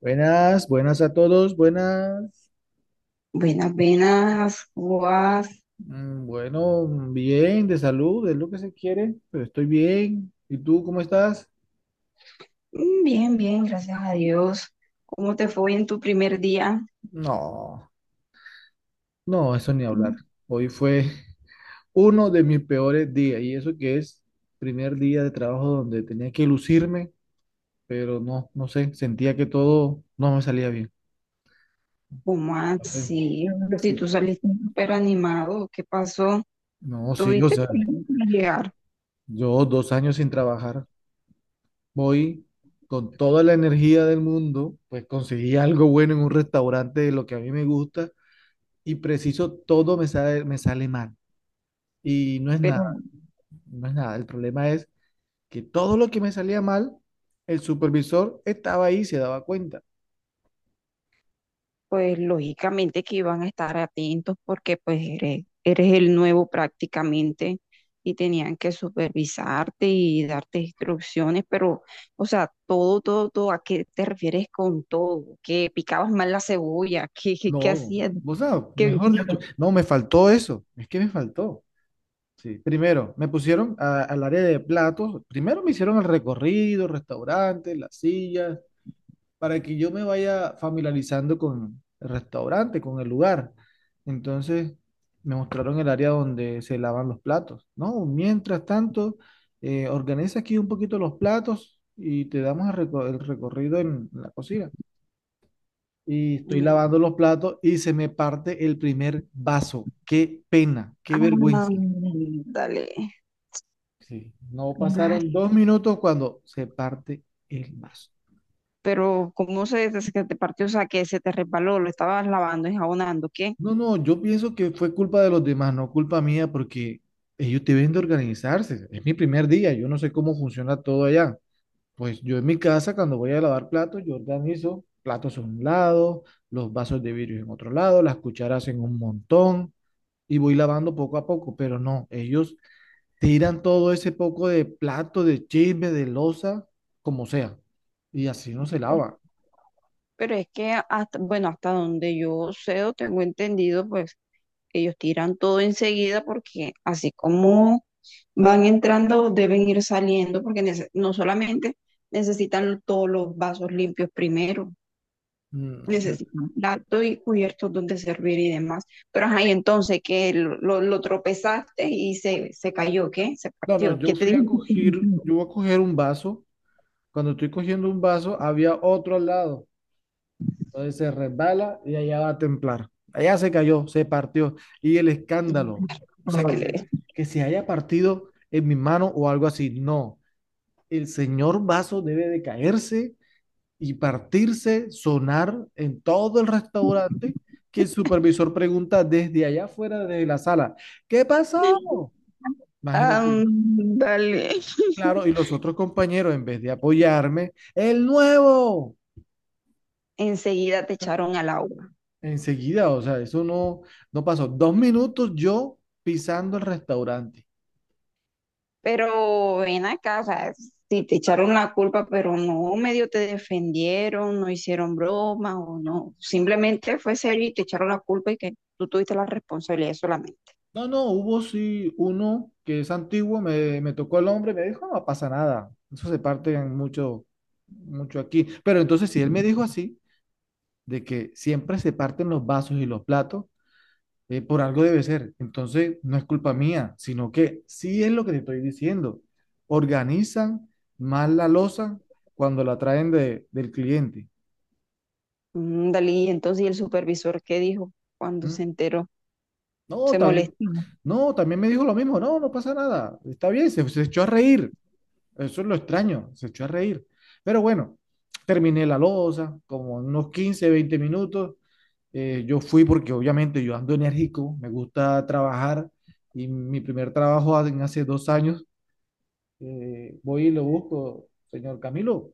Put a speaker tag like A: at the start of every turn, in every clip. A: Buenas, buenas a todos, buenas.
B: Buenas, buenas, ¿cómo vas?
A: Bueno, bien, de salud, es lo que se quiere, pero estoy bien. ¿Y tú cómo estás?
B: Bien, bien, gracias a Dios. ¿Cómo te fue en tu primer día?
A: No, no, eso ni hablar. Hoy fue uno de mis peores días, y eso que es primer día de trabajo donde tenía que lucirme, pero no, no sé, sentía que todo no me salía bien.
B: ¿Cómo
A: No sé,
B: así? Si
A: sí,
B: tú saliste súper animado, ¿qué pasó?
A: no, sí, o
B: Tuviste
A: sea,
B: problemas para llegar,
A: yo 2 años sin trabajar. Voy con toda la energía del mundo, pues conseguí algo bueno en un restaurante de lo que a mí me gusta, y preciso todo me sale mal. Y no es nada,
B: pero no.
A: no es nada. El problema es que todo lo que me salía mal, el supervisor estaba ahí y se daba cuenta.
B: Pues lógicamente que iban a estar atentos porque pues eres, eres el nuevo prácticamente y tenían que supervisarte y darte instrucciones, pero, o sea, todo, todo, todo, ¿a qué te refieres con todo? ¿Que picabas mal la cebolla? ¿Qué, qué, qué
A: No,
B: hacías?
A: vos sabes,
B: ¿Qué...
A: mejor dicho, no, me faltó eso, es que me faltó. Sí. Primero, me pusieron al área de platos, primero me hicieron el recorrido, restaurantes, las sillas, para que yo me vaya familiarizando con el restaurante, con el lugar. Entonces me mostraron el área donde se lavan los platos, ¿no? Mientras tanto, organiza aquí un poquito los platos y te damos el recorrido en la cocina. Y estoy lavando los platos y se me parte el primer vaso. Qué pena, qué vergüenza.
B: dale,
A: Sí, no pasaron 2 minutos cuando se parte el vaso.
B: pero ¿cómo se, se te partió? O sea, que se te resbaló, lo estabas lavando, enjabonando, ¿qué?
A: No, no, yo pienso que fue culpa de los demás, no culpa mía, porque ellos deben de organizarse. Es mi primer día, yo no sé cómo funciona todo allá. Pues yo en mi casa, cuando voy a lavar platos, yo organizo platos a un lado, los vasos de vidrio en otro lado, las cucharas en un montón, y voy lavando poco a poco, pero no, ellos tiran todo ese poco de plato, de chisme, de loza, como sea, y así no se lava.
B: Pero es que hasta, bueno, hasta donde yo sé o tengo entendido, pues ellos tiran todo enseguida porque así como van entrando, deben ir saliendo porque no solamente necesitan todos los vasos limpios primero,
A: No,
B: necesitan platos y cubiertos donde servir y demás. Pero ajá, y entonces que lo tropezaste y se cayó, ¿qué? Se
A: no, no,
B: partió. ¿Qué
A: yo
B: te
A: fui
B: dijo?
A: a coger, yo voy a coger un vaso. Cuando estoy cogiendo un vaso, había otro al lado. Entonces se resbala y allá va a templar. Allá se cayó, se partió. Y el escándalo, o sea,
B: Ole.
A: que se haya partido en mi mano o algo así. No, el señor vaso debe de caerse y partirse, sonar en todo el restaurante, que el supervisor pregunta desde allá afuera de la sala, ¿qué pasó? Imagínate.
B: Ándale.
A: Claro, y los otros compañeros, en vez de apoyarme, el nuevo.
B: Enseguida te echaron al agua.
A: Enseguida, o sea, eso no, no pasó. 2 minutos yo pisando el restaurante.
B: Pero ven acá, o sea, si te echaron la culpa, pero no medio te defendieron, no hicieron broma o no. Simplemente fue serio y te echaron la culpa y que tú tuviste la responsabilidad solamente.
A: No, no, hubo sí uno que es antiguo, me tocó el hombre, me dijo, no pasa nada. Eso se parte en mucho, mucho aquí. Pero entonces, si él me dijo así, de que siempre se parten los vasos y los platos, por algo debe ser. Entonces, no es culpa mía, sino que sí es lo que te estoy diciendo. Organizan mal la loza cuando la traen del cliente.
B: Ándale, y entonces ¿y el supervisor qué dijo cuando se
A: ¿Mm?
B: enteró?
A: No,
B: Se
A: sí. También,
B: molestó.
A: no, también me dijo lo mismo, no, no pasa nada, está bien, se echó a reír, eso es lo extraño, se echó a reír. Pero bueno, terminé la loza como unos 15, 20 minutos. Yo fui porque obviamente yo ando enérgico, me gusta trabajar y mi primer trabajo en hace 2 años. Voy y lo busco, señor Camilo,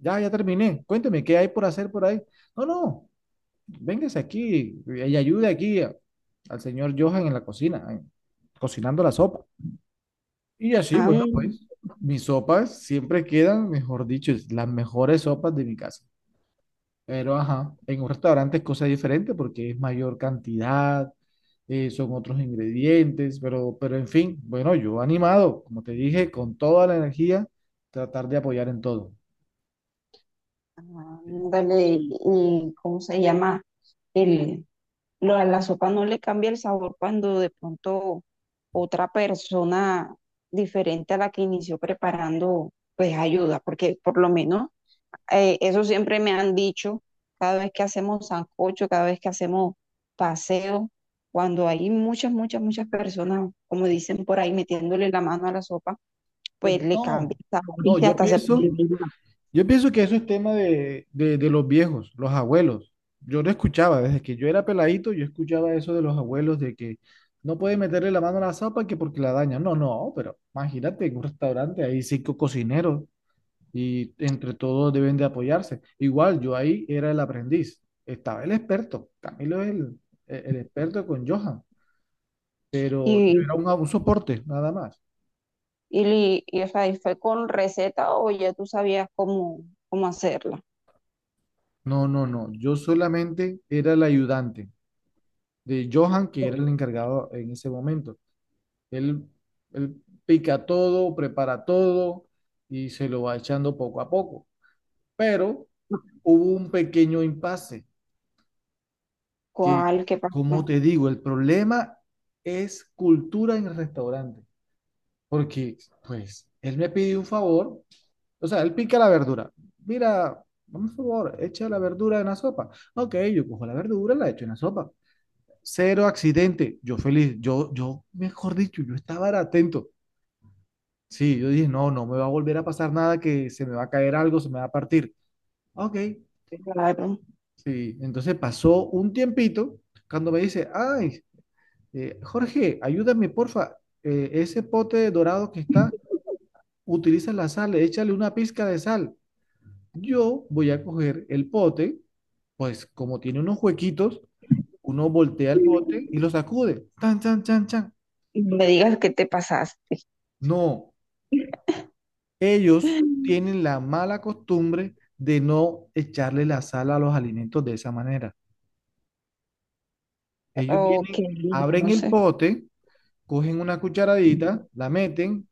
A: ya, ya terminé, cuénteme, ¿qué hay por hacer por ahí? No, no, véngase aquí y ayude aquí al señor Johan en la cocina, cocinando la sopa. Y así, bueno,
B: Ándale,
A: pues mis sopas siempre quedan, mejor dicho, es las mejores sopas de mi casa. Pero, ajá, en un restaurante es cosa diferente porque es mayor cantidad, son otros ingredientes, pero en fin, bueno, yo animado, como te dije, con toda la energía, tratar de apoyar en todo.
B: ¿y cómo se llama? El, a la sopa no le cambia el sabor cuando de pronto otra persona diferente a la que inició preparando, pues ayuda, porque por lo menos eso siempre me han dicho, cada vez que hacemos sancocho, cada vez que hacemos paseo, cuando hay muchas, muchas, muchas personas, como dicen por ahí, metiéndole la mano a la sopa, pues
A: Pero
B: le cambia
A: no,
B: el sabor
A: no,
B: y
A: yo
B: hasta se puede
A: pienso,
B: brindar.
A: yo pienso que eso es tema de los viejos, los abuelos. Yo lo escuchaba desde que yo era peladito, yo escuchaba eso de los abuelos de que no pueden meterle la mano a la sopa, que porque la dañan. No, no, pero imagínate en un restaurante hay 5 cocineros y entre todos deben de apoyarse. Igual yo ahí era el aprendiz, estaba el experto, Camilo es el, el experto con Johan, pero yo
B: Y,
A: era un soporte nada más.
B: o sea, y fue con receta o ya tú sabías cómo, cómo hacerla.
A: No, no, no, yo solamente era el ayudante de Johan, que era el encargado en ese momento. Él, él pica todo, prepara todo y se lo va echando poco a poco. Pero hubo un pequeño impasse que,
B: ¿Cuál? ¿Qué
A: como
B: pasó?
A: te digo, el problema es cultura en el restaurante. Porque, pues, él me pidió un favor, o sea, él pica la verdura. Mira, dame un favor, echa la verdura en la sopa. Ok, yo cojo la verdura, la echo en la sopa. Cero accidente. Yo feliz, mejor dicho, yo estaba era atento. Sí, yo dije, no, no me va a volver a pasar nada, que se me va a caer algo, se me va a partir. Ok,
B: Claro.
A: sí. Entonces pasó un tiempito cuando me dice, ay, Jorge, ayúdame, porfa, ese pote dorado que está, utiliza la sal, échale una pizca de sal. Yo voy a coger el pote, pues como tiene unos huequitos, uno voltea el bote y lo sacude. Tan, chan, chan, chan.
B: No me digas qué te pasaste.
A: No, ellos tienen la mala costumbre de no echarle la sal a los alimentos de esa manera. Ellos
B: Ok,
A: vienen, abren
B: no
A: el
B: sé.
A: pote, cogen una cucharadita, la meten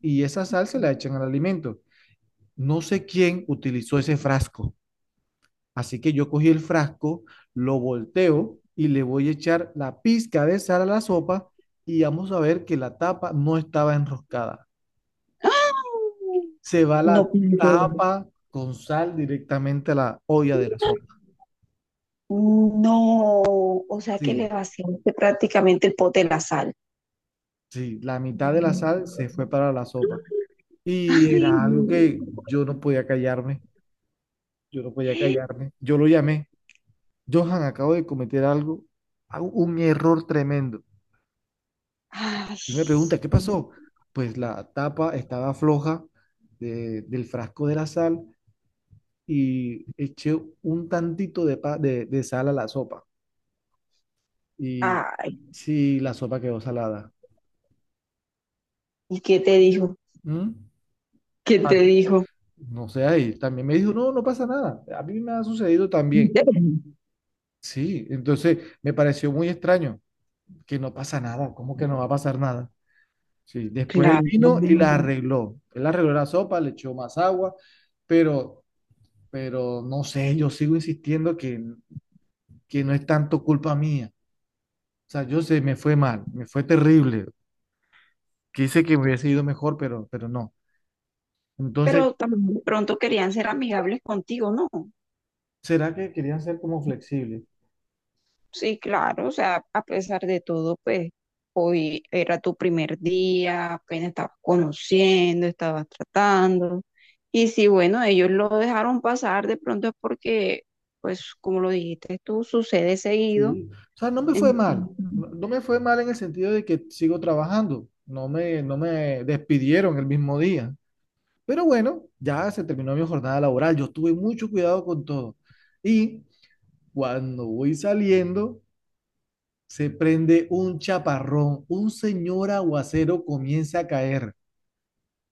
A: y esa sal se la echan al alimento. No sé quién utilizó ese frasco. Así que yo cogí el frasco, lo volteo y le voy a echar la pizca de sal a la sopa, y vamos a ver que la tapa no estaba enroscada.
B: ¡Ah!
A: Se va
B: No,
A: la
B: pero
A: tapa con sal directamente a la olla de la sopa.
B: no. O sea que le
A: Sí,
B: vaciaste prácticamente el pote de la sal.
A: sí, la mitad de la sal se fue para la sopa. Y
B: Ay,
A: era
B: no.
A: algo que yo no podía callarme, yo no podía callarme. Yo lo llamé, Johan, acabo de cometer algo, un error tremendo.
B: Ay,
A: Él me pregunta, ¿qué pasó? Pues la tapa estaba floja del frasco de la sal, y eché un tantito de sal a la sopa. Y
B: ay.
A: sí, la sopa quedó salada.
B: ¿Y qué te dijo?
A: ¿Mm?
B: ¿Qué te
A: Ah,
B: dijo?
A: no sé, y también me dijo, no, no pasa nada, a mí me ha sucedido también. Sí, entonces me pareció muy extraño que no pasa nada, ¿cómo que no va a pasar nada? Sí, después él
B: Claro.
A: vino y la arregló. Él arregló la sopa, le echó más agua, pero, pero no sé, yo sigo insistiendo que no es tanto culpa mía. O sea, yo sé, me fue mal, me fue terrible. Quise que me hubiese ido mejor, pero no. Entonces,
B: Pero también de pronto querían ser amigables contigo, ¿no?
A: ¿será que querían ser como flexibles?
B: Sí, claro, o sea, a pesar de todo, pues hoy era tu primer día, apenas estabas conociendo, estabas tratando. Y si, bueno, ellos lo dejaron pasar, de pronto es porque, pues como lo dijiste tú, sucede seguido.
A: Sí, o sea, no me fue
B: Entonces,
A: mal. No, no me fue mal en el sentido de que sigo trabajando. No me despidieron el mismo día. Pero bueno, ya se terminó mi jornada laboral. Yo tuve mucho cuidado con todo. Y cuando voy saliendo, se prende un chaparrón. Un señor aguacero comienza a caer.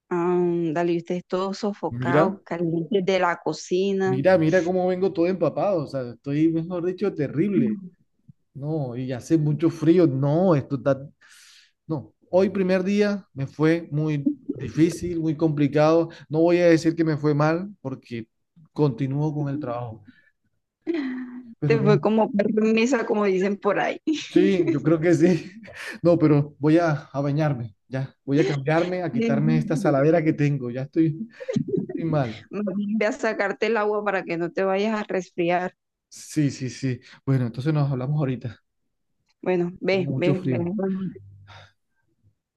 B: ándale, y ustedes todos sofocados,
A: Mira,
B: calientes de la cocina.
A: mira, mira cómo vengo todo empapado. O sea, estoy, mejor dicho, terrible. No, y hace mucho frío. No, esto está… No, hoy primer día me fue muy difícil, muy complicado. No voy a decir que me fue mal porque continúo con el trabajo, pero
B: Te fue
A: no.
B: como permisa, como dicen por ahí.
A: Sí, yo creo que sí. No, pero voy a bañarme, ya. Voy a cambiarme, a quitarme esta saladera que tengo. Ya estoy, estoy mal.
B: Más bien ve a sacarte el agua para que no te vayas a resfriar.
A: Sí, sí, sí. Bueno, entonces nos hablamos ahorita.
B: Bueno, ve,
A: Tengo mucho
B: ve, ve.
A: frío.
B: Bueno,